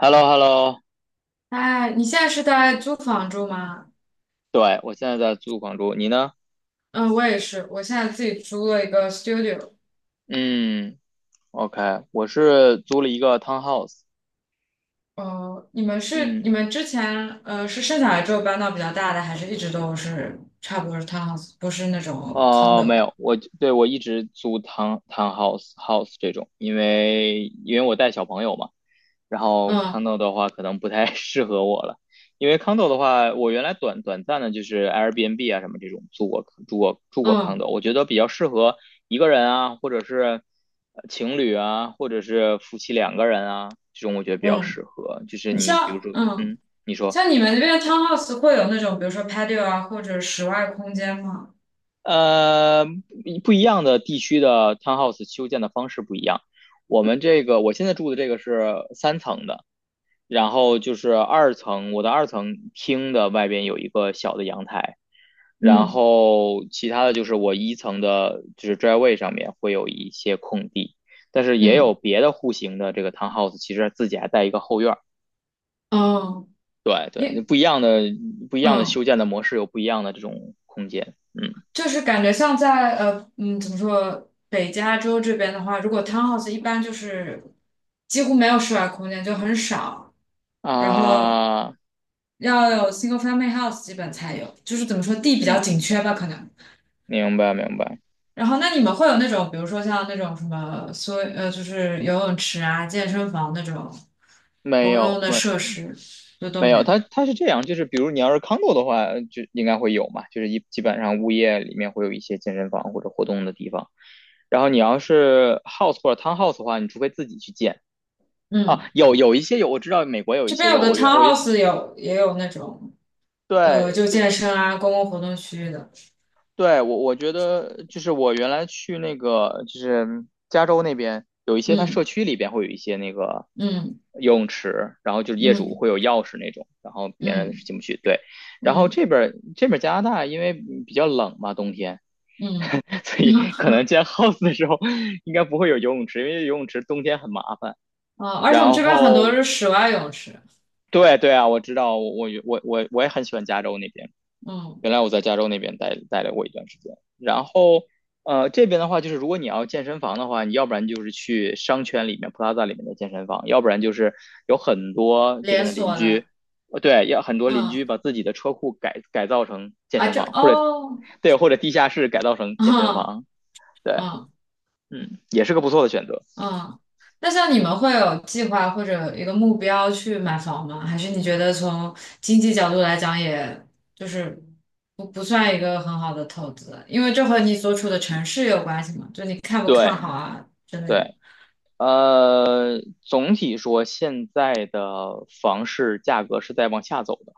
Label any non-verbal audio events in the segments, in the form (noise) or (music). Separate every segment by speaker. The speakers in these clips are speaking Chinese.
Speaker 1: Hello, hello
Speaker 2: 哎，你现在是在租房住吗？
Speaker 1: 对，我现在在租房住，你呢？
Speaker 2: 嗯，我也是，我现在自己租了一个 studio。
Speaker 1: 嗯，OK，我是租了一个 townhouse。
Speaker 2: 你们是你
Speaker 1: 嗯，
Speaker 2: 们之前呃是生下来之后搬到比较大的，还是一直都是差不多是 townhouse，不是那种
Speaker 1: 哦，没
Speaker 2: condo？
Speaker 1: 有，对我一直租 townhouse 这种，因为我带小朋友嘛，然后
Speaker 2: 嗯
Speaker 1: 康豆的话可能不太 (laughs) 适合我了，因为康豆的话，我原来短暂的就是 Airbnb 啊什么这种住过康
Speaker 2: 嗯
Speaker 1: 豆，我觉得比较适合一个人啊，或者是情侣啊，或者是夫妻两个人啊，这种我觉得比较
Speaker 2: 嗯，
Speaker 1: 适合。就是
Speaker 2: 你
Speaker 1: 你比如
Speaker 2: 像
Speaker 1: 说，
Speaker 2: 嗯
Speaker 1: 你说，
Speaker 2: 像你们那边的 townhouse 会有那种比如说 patio 啊或者室外空间吗？
Speaker 1: 呃，不一样的地区的 townhouse 修建的方式不一样。我们这个我现在住的这个是三层的，然后就是二层，我的二层厅的外边有一个小的阳台，然
Speaker 2: 嗯
Speaker 1: 后其他的就是我一层的，就是 driveway 上面会有一些空地，但是也有
Speaker 2: 嗯
Speaker 1: 别的户型的这个 townhouse，其实自己还带一个后院儿。
Speaker 2: 哦，
Speaker 1: 对对，
Speaker 2: 因
Speaker 1: 不一样的修
Speaker 2: 嗯。
Speaker 1: 建的模式有不一样的这种空间。嗯
Speaker 2: 就是感觉像在怎么说北加州这边的话，如果 townhouse 一般就是几乎没有室外空间，就很少，然后
Speaker 1: 啊，
Speaker 2: 要有 single family house 基本才有，就是怎么说地比较
Speaker 1: 嗯，
Speaker 2: 紧缺吧可能。
Speaker 1: 明白明白，
Speaker 2: 然后那你们会有那种比如说像那种什么所呃就是游泳池啊、健身房那种
Speaker 1: 没
Speaker 2: 公用
Speaker 1: 有
Speaker 2: 的
Speaker 1: 没
Speaker 2: 设施，就都
Speaker 1: 没
Speaker 2: 没
Speaker 1: 有，
Speaker 2: 有。
Speaker 1: 它是这样，就是比如你要是 condo 的话，就应该会有嘛，就是基本上物业里面会有一些健身房或者活动的地方。然后你要是 house 或者 townhouse 的话，你除非自己去建啊，
Speaker 2: 嗯，
Speaker 1: 有一些有，我知道美国有一
Speaker 2: 这
Speaker 1: 些
Speaker 2: 边有
Speaker 1: 有，
Speaker 2: 的
Speaker 1: 我原我原
Speaker 2: townhouse 有也有那种
Speaker 1: 对
Speaker 2: 就健
Speaker 1: 对
Speaker 2: 身啊、公共活动区域的，
Speaker 1: 对，我觉得就是我原来去那个就是加州那边有一些，它社
Speaker 2: 嗯。
Speaker 1: 区里边会有一些那个
Speaker 2: 嗯
Speaker 1: 游泳池，然后就是业主
Speaker 2: 嗯
Speaker 1: 会有钥匙那种，然后别人是
Speaker 2: 嗯
Speaker 1: 进不去。对，然后
Speaker 2: 嗯
Speaker 1: 这边儿加拿大因为比较冷嘛，冬天，
Speaker 2: 嗯，嗯
Speaker 1: (laughs) 所以可能建 house 的时候应该不会有游泳池，因为游泳池冬天很麻烦。
Speaker 2: 哦，而且我们
Speaker 1: 然
Speaker 2: 这边很多
Speaker 1: 后
Speaker 2: 是室外泳池，
Speaker 1: 对对啊，我知道，我也很喜欢加州那边。
Speaker 2: 嗯，
Speaker 1: 原来我在加州那边待了过一段时间，然后这边的话，就是如果你要健身房的话，你要不然就是去商圈里面 p l a 里面的健身房，要不然就是有很多这
Speaker 2: 连
Speaker 1: 边的邻
Speaker 2: 锁的，
Speaker 1: 居，对，要很多邻
Speaker 2: 嗯
Speaker 1: 居把自己的车库改造成健
Speaker 2: 啊，
Speaker 1: 身
Speaker 2: 这
Speaker 1: 房，或者
Speaker 2: 哦，
Speaker 1: 对，或者地下室改造成健身
Speaker 2: 嗯
Speaker 1: 房，对，
Speaker 2: 嗯
Speaker 1: 嗯，也是个不错的选择，
Speaker 2: 嗯，那像你们会有计划或者一个目标去买房吗？还是你觉得从经济角度来讲，也就是不算一个很好的投资，因为这和你所处的城市有关系嘛，就你看不看
Speaker 1: 对
Speaker 2: 好啊之类的。
Speaker 1: 对。总体说，现在的房市价格是在往下走的。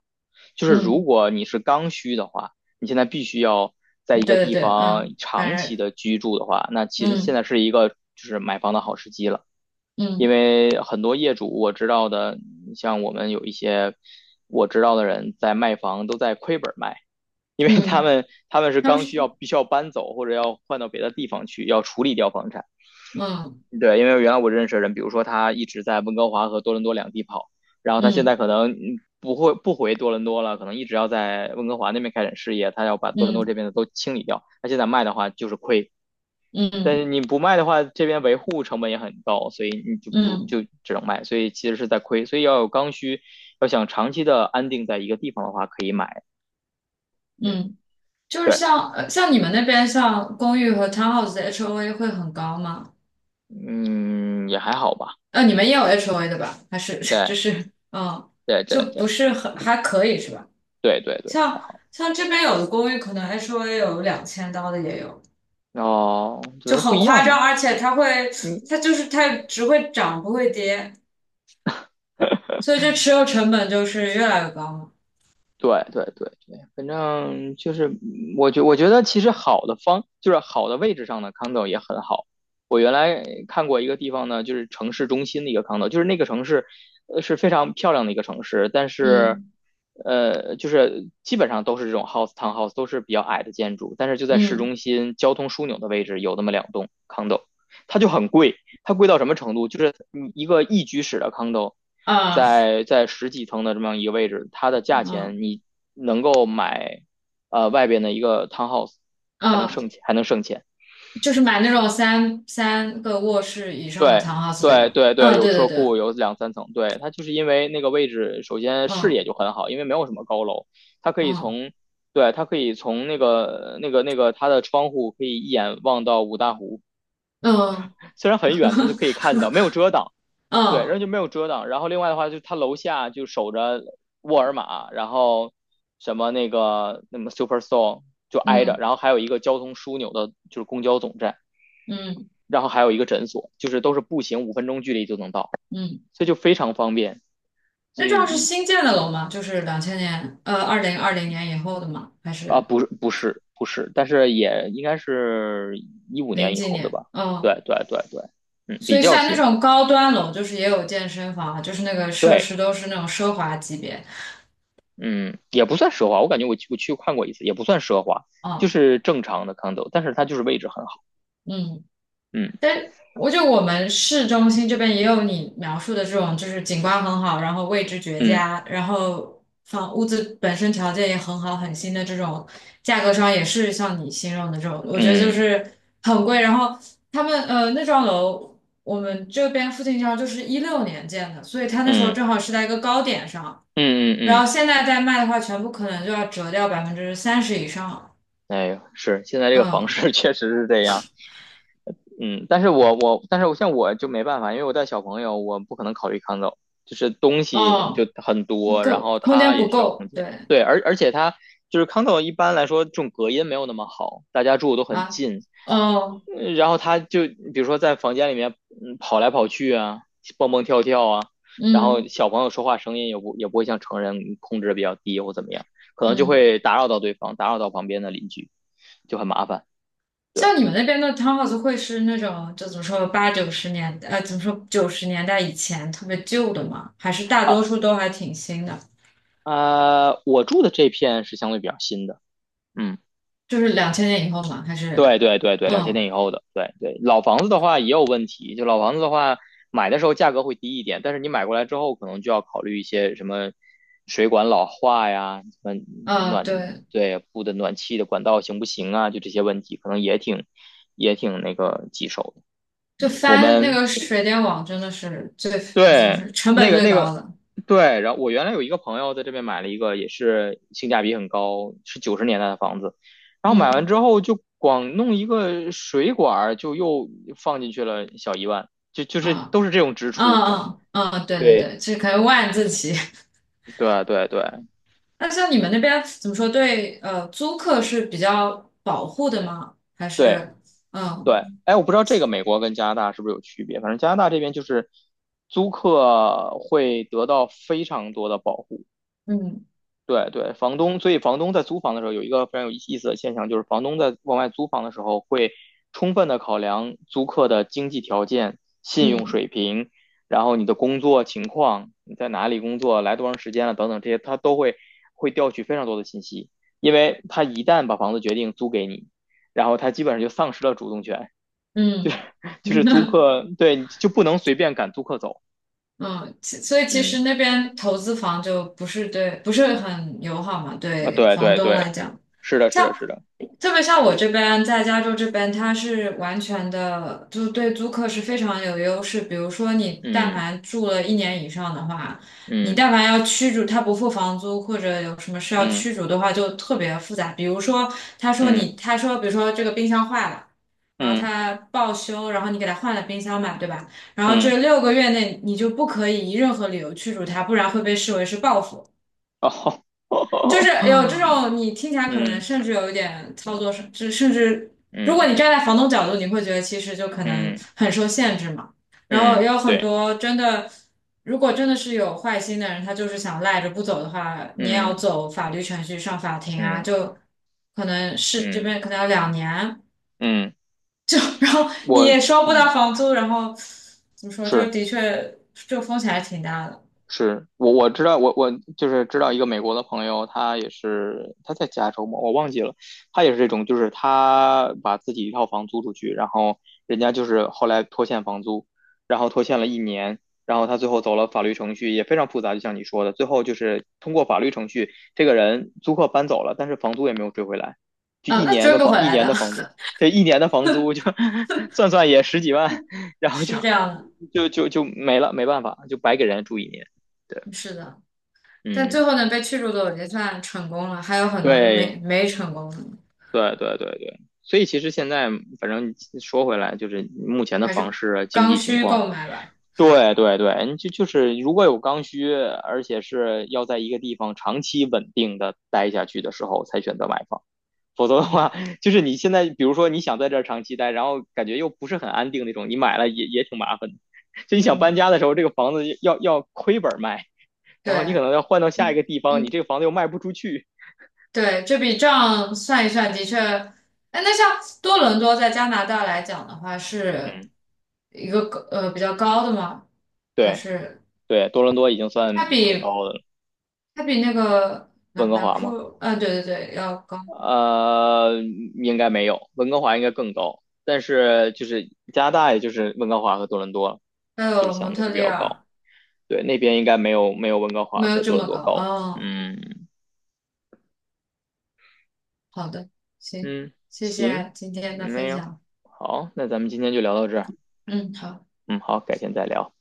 Speaker 1: 就是如
Speaker 2: 嗯，
Speaker 1: 果你是刚需的话，你现在必须要在一
Speaker 2: 嗯
Speaker 1: 个
Speaker 2: 对对
Speaker 1: 地
Speaker 2: 对，
Speaker 1: 方
Speaker 2: 嗯，
Speaker 1: 长
Speaker 2: 反
Speaker 1: 期
Speaker 2: 正，
Speaker 1: 的居住的话，那其实现在
Speaker 2: 嗯
Speaker 1: 是一个就是买房的好时机了。因
Speaker 2: 嗯
Speaker 1: 为很多业主我知道的，像我们有一些我知道的人在卖房都在亏本卖，因为
Speaker 2: 嗯。
Speaker 1: 他
Speaker 2: 嗯
Speaker 1: 们他们是
Speaker 2: 他们
Speaker 1: 刚
Speaker 2: 是，
Speaker 1: 需要必须要搬走或者要换到别的地方去，要处理掉房产。
Speaker 2: 嗯
Speaker 1: 对，因为原来我认识的人，比如说他一直在温哥华和多伦多两地跑，然后他现
Speaker 2: 嗯
Speaker 1: 在可能不会不回多伦多了，可能一直要在温哥华那边开展事业，他要把多伦多
Speaker 2: 嗯
Speaker 1: 这边的都清理掉。他现在卖的话就是亏，但是
Speaker 2: 嗯
Speaker 1: 你不卖的话，这边维护成本也很高，所以你就不
Speaker 2: 嗯
Speaker 1: 就只能卖，所以其实是在亏，所以要有刚需，要想长期的安定在一个地方的话，可以买。嗯，
Speaker 2: 嗯，就是
Speaker 1: 对，
Speaker 2: 像你们那边像公寓和 townhouse 的 HOA 会很高吗？
Speaker 1: 嗯，也还好吧，
Speaker 2: 呃，你们也有 HOA 的吧？还是 (laughs) 就
Speaker 1: 对
Speaker 2: 是嗯，
Speaker 1: 对对
Speaker 2: 就
Speaker 1: 对
Speaker 2: 不是很还可以是吧？
Speaker 1: 对对对，
Speaker 2: 像像这边有的公寓可能 HOA 有两千刀的也有，
Speaker 1: 哦，觉
Speaker 2: 就
Speaker 1: 得不
Speaker 2: 很
Speaker 1: 一
Speaker 2: 夸
Speaker 1: 样
Speaker 2: 张，
Speaker 1: 吧。
Speaker 2: 而且它会
Speaker 1: 你
Speaker 2: 它就是它只会涨不会跌，所以这持有成本就是越来越高嘛。
Speaker 1: 对对对对，反正就是我觉得其实好的方就是好的位置上的 condo 也很好。我原来看过一个地方呢，就是城市中心的一个 condo，就是那个城市是非常漂亮的一个城市，但是
Speaker 2: 嗯
Speaker 1: 就是基本上都是这种 house townhouse 都是比较矮的建筑，但是就在市
Speaker 2: 嗯
Speaker 1: 中心交通枢纽的位置有那么两栋 condo，它就很贵。它贵到什么程度？就是你一个一居室的 condo，
Speaker 2: 啊
Speaker 1: 在十几层的这么样一个位置，它的价钱
Speaker 2: 嗯
Speaker 1: 你能够买外边的一个 townhouse，还能
Speaker 2: 嗯。
Speaker 1: 剩钱，还能剩钱。
Speaker 2: 就是买那种三个卧室以上的
Speaker 1: 对
Speaker 2: townhouse，对
Speaker 1: 对
Speaker 2: 吧？
Speaker 1: 对对，
Speaker 2: 嗯，
Speaker 1: 有
Speaker 2: 对对
Speaker 1: 车
Speaker 2: 对，
Speaker 1: 库，有两三层。对，它就是因为那个位置，首先视野
Speaker 2: 嗯
Speaker 1: 就很好，因为没有什么高楼，它可以
Speaker 2: 嗯
Speaker 1: 从对它可以从那个它的窗户可以一眼望到五大湖，
Speaker 2: 嗯
Speaker 1: 虽然很远，但就
Speaker 2: (laughs)
Speaker 1: 可以看到，没有遮挡。对，然后
Speaker 2: 嗯
Speaker 1: 就没有遮挡。然后另外的话，就他楼下就守着沃尔玛，然后什么那个那么 Superstore 就挨着，
Speaker 2: 嗯
Speaker 1: 然后还有一个交通枢纽的，就是公交总站，
Speaker 2: 嗯
Speaker 1: 然后还有一个诊所，就是都是步行5分钟距离就能到，
Speaker 2: 嗯，
Speaker 1: 所以就非常方便
Speaker 2: 那这样是新建的楼吗？就是两千年，二零二零年以后的吗？还
Speaker 1: 啊。
Speaker 2: 是
Speaker 1: 不是不是不是，但是也应该是一五
Speaker 2: 零
Speaker 1: 年以
Speaker 2: 几
Speaker 1: 后的
Speaker 2: 年？
Speaker 1: 吧？
Speaker 2: 嗯，
Speaker 1: 对对对对，嗯，
Speaker 2: 所
Speaker 1: 比
Speaker 2: 以
Speaker 1: 较
Speaker 2: 像那
Speaker 1: 新，
Speaker 2: 种高端楼，就是也有健身房啊，就是那个设
Speaker 1: 对，
Speaker 2: 施都是那种奢华级别。
Speaker 1: 嗯，也不算奢华，我感觉我去看过一次，也不算奢华，就
Speaker 2: 嗯
Speaker 1: 是正常的 condo，但是它就是位置很好。
Speaker 2: 嗯
Speaker 1: 嗯
Speaker 2: 但我们市中心这边也有你描述的这种，就是景观很好，然后位置绝
Speaker 1: 嗯
Speaker 2: 佳，然后房屋子本身条件也很好，很新的这种，价格上也是像你形容的这种，我觉得就
Speaker 1: 嗯
Speaker 2: 是很贵。然后他们那幢楼，我们这边附近这幢就是一六年建的，所以它那时候
Speaker 1: 嗯
Speaker 2: 正好是在一个高点上，
Speaker 1: 嗯
Speaker 2: 然后
Speaker 1: 嗯嗯，
Speaker 2: 现在再卖的话，全部可能就要折掉百分之三十以上。
Speaker 1: 哎呦，是现在这个房
Speaker 2: 嗯，
Speaker 1: 市 (laughs) 确实是这样，嗯，但是我但是我像我就没办法，因为我带小朋友，我不可能考虑 condo，就是东西就
Speaker 2: 哦，
Speaker 1: 很多，然
Speaker 2: 够，
Speaker 1: 后
Speaker 2: 空间
Speaker 1: 他也
Speaker 2: 不
Speaker 1: 需要空
Speaker 2: 够，
Speaker 1: 间，
Speaker 2: 对。
Speaker 1: 对，而且他就是 condo 一般来说这种隔音没有那么好，大家住的都很
Speaker 2: 啊，
Speaker 1: 近，
Speaker 2: 哦，
Speaker 1: 然后他就比如说在房间里面，跑来跑去啊，蹦蹦跳跳啊，然后
Speaker 2: 嗯
Speaker 1: 小朋友说话声音也不会像成人控制的比较低或怎么样，可能就
Speaker 2: 嗯，
Speaker 1: 会打扰到对方，打扰到旁边的邻居，就很麻烦。对，
Speaker 2: 像你们那边的 townhouse 会是那种，就怎么说八九十年代，怎么说九十年代以前特别旧的吗？还是大多
Speaker 1: 啊
Speaker 2: 数都还挺新的？
Speaker 1: 啊，我住的这片是相对比较新的，嗯。
Speaker 2: 就是两千年以后嘛？还是，
Speaker 1: 对对对对，两千
Speaker 2: 嗯
Speaker 1: 年以后的，对对，老房子的话也有问题，就老房子的话，买的时候价格会低一点，但是你买过来之后，可能就要考虑一些什么水管老化呀，什么
Speaker 2: 嗯，
Speaker 1: 暖，
Speaker 2: 对，
Speaker 1: 对，布的暖气的管道行不行啊，就这些问题，可能也挺那个棘手
Speaker 2: 就
Speaker 1: 的。我
Speaker 2: 翻那
Speaker 1: 们
Speaker 2: 个水电网真的是最，怎么
Speaker 1: 对，
Speaker 2: 说，成
Speaker 1: 那
Speaker 2: 本
Speaker 1: 个
Speaker 2: 最
Speaker 1: 那
Speaker 2: 高
Speaker 1: 个
Speaker 2: 的。
Speaker 1: 对，然后我原来有一个朋友在这边买了一个，也是性价比很高，是90年代的房子。然后买完之
Speaker 2: 嗯
Speaker 1: 后就光弄一个水管儿，就又放进去了小一万，就是
Speaker 2: 啊，
Speaker 1: 都是这种支
Speaker 2: 嗯
Speaker 1: 出。
Speaker 2: 嗯嗯，对对
Speaker 1: 对，
Speaker 2: 对，这可以万字起。
Speaker 1: 对对对
Speaker 2: 那像你们那边怎么说？对，租客是比较保护的吗？还
Speaker 1: 对
Speaker 2: 是，
Speaker 1: 对，
Speaker 2: 嗯
Speaker 1: 哎，我不知道这个美国跟加拿大是不是有区别，反正加拿大这边就是租客会得到非常多的保护。
Speaker 2: 嗯
Speaker 1: 对对，房东，所以房东在租房的时候有一个非常有意思的现象，就是房东在往外租房的时候会充分的考量租客的经济条件、信用
Speaker 2: 嗯
Speaker 1: 水平，然后你的工作情况，你在哪里工作，来多长时间了等等这些，他都会调取非常多的信息，因为他一旦把房子决定租给你，然后他基本上就丧失了主动权，
Speaker 2: 嗯
Speaker 1: (laughs) 就是租
Speaker 2: (laughs)
Speaker 1: 客，对，就不能随便赶租客走。
Speaker 2: 嗯，所以其实
Speaker 1: 嗯，
Speaker 2: 那边投资房就不是对，不是很友好嘛，
Speaker 1: 啊，
Speaker 2: 对
Speaker 1: 对
Speaker 2: 房
Speaker 1: 对
Speaker 2: 东来
Speaker 1: 对，
Speaker 2: 讲。
Speaker 1: 是的，是
Speaker 2: 像
Speaker 1: 的，是的，
Speaker 2: 特别像我这边在加州这边，它是完全的，就对租客是非常有优势。比如说，你但
Speaker 1: 嗯
Speaker 2: 凡住了一年以上的话，你
Speaker 1: 嗯
Speaker 2: 但凡要驱逐他不付房租，或者有什么事要
Speaker 1: 嗯
Speaker 2: 驱逐的话，就特别复杂。比如说，
Speaker 1: 嗯。
Speaker 2: 他说，比如说这个冰箱坏了。然后
Speaker 1: 嗯
Speaker 2: 他报修，然后你给他换了冰箱嘛，对吧？然后
Speaker 1: 嗯，
Speaker 2: 这六个月内你就不可以以任何理由驱逐他，不然会被视为是报复。
Speaker 1: 哦，
Speaker 2: 就是有这
Speaker 1: (laughs)
Speaker 2: 种你听起来可能
Speaker 1: 嗯
Speaker 2: 甚至有一点操作上，甚至如果
Speaker 1: 嗯
Speaker 2: 你站在房东角度，你会觉得其实就可能
Speaker 1: 嗯
Speaker 2: 很受限制嘛。然后
Speaker 1: 嗯，
Speaker 2: 也有很
Speaker 1: 对，
Speaker 2: 多真的，如果真的是有坏心的人，他就是想赖着不走的话，你也要
Speaker 1: 嗯
Speaker 2: 走法律程序上法庭啊，
Speaker 1: 嗯
Speaker 2: 就可能是这
Speaker 1: 嗯
Speaker 2: 边可能要两年，
Speaker 1: 嗯，
Speaker 2: 就 (laughs) 然后你
Speaker 1: 我
Speaker 2: 也收不
Speaker 1: 嗯
Speaker 2: 到房租，然后怎么说，就
Speaker 1: 是。
Speaker 2: 的确就风险还挺大的。
Speaker 1: 是我知道，我就是知道一个美国的朋友，他也是他在加州嘛，我忘记了，他也是这种，就是他把自己一套房租出去，然后人家就是后来拖欠房租，然后拖欠了一年，然后他最后走了法律程序，也非常复杂，就像你说的，最后就是通过法律程序，这个人租客搬走了，但是房租也没有追回来，就
Speaker 2: 嗯，
Speaker 1: 一
Speaker 2: 那
Speaker 1: 年
Speaker 2: 追
Speaker 1: 的
Speaker 2: 不
Speaker 1: 房
Speaker 2: 回
Speaker 1: 一
Speaker 2: 来
Speaker 1: 年
Speaker 2: 的，
Speaker 1: 的房租，这一年的房租就 (laughs) 算算也十几万，然
Speaker 2: (laughs)
Speaker 1: 后就
Speaker 2: 是这样的，
Speaker 1: 没了，没办法，就白给人家住一年。对，
Speaker 2: 是的。但最
Speaker 1: 嗯，
Speaker 2: 后呢，被驱逐的我就算成功了，还有很多就没
Speaker 1: 对
Speaker 2: 没成功的，
Speaker 1: 对对对对，所以其实现在反正说回来，就是目前的
Speaker 2: 还
Speaker 1: 房
Speaker 2: 是
Speaker 1: 市啊经
Speaker 2: 刚
Speaker 1: 济情
Speaker 2: 需
Speaker 1: 况，
Speaker 2: 购买吧。
Speaker 1: 对对对，就是如果有刚需，而且是要在一个地方长期稳定的待下去的时候，才选择买房，否则的
Speaker 2: 嗯，
Speaker 1: 话，就是你现在比如说你想在这儿长期待，然后感觉又不是很安定那种，你买了也挺麻烦的，就你想搬
Speaker 2: 嗯，
Speaker 1: 家的时候，这个房子要亏本卖，
Speaker 2: 对，
Speaker 1: 然后你可能要换到下一
Speaker 2: 嗯
Speaker 1: 个地方，你这
Speaker 2: 嗯，
Speaker 1: 个房子又卖不出去，
Speaker 2: 对，这笔账算一算，的确，哎，那像多伦多在加拿大来讲的话，是
Speaker 1: 嗯，
Speaker 2: 一个比较高的吗？还
Speaker 1: 对。
Speaker 2: 是
Speaker 1: 对，多伦多已经算
Speaker 2: 它
Speaker 1: 很
Speaker 2: 比
Speaker 1: 高的了，
Speaker 2: 它比那个
Speaker 1: 温
Speaker 2: 南
Speaker 1: 哥
Speaker 2: 南
Speaker 1: 华吗？
Speaker 2: 库，对对对，要高，
Speaker 1: 呃，应该没有，温哥华应该更高，但是就是加拿大，也就是温哥华和多伦多，
Speaker 2: 还
Speaker 1: 就是
Speaker 2: 有蒙
Speaker 1: 相对
Speaker 2: 特
Speaker 1: 会比
Speaker 2: 利
Speaker 1: 较高。
Speaker 2: 尔
Speaker 1: 对，那边应该没有没有温哥
Speaker 2: 没
Speaker 1: 华
Speaker 2: 有
Speaker 1: 和
Speaker 2: 这
Speaker 1: 多伦
Speaker 2: 么
Speaker 1: 多
Speaker 2: 高，
Speaker 1: 高。
Speaker 2: 哦
Speaker 1: 嗯
Speaker 2: 好的，行，
Speaker 1: 嗯，
Speaker 2: 谢
Speaker 1: 行，
Speaker 2: 谢今天的
Speaker 1: 没
Speaker 2: 分
Speaker 1: 有，
Speaker 2: 享。
Speaker 1: 好，那咱们今天就聊到这儿。
Speaker 2: 嗯，好。
Speaker 1: 嗯，好，改天再聊。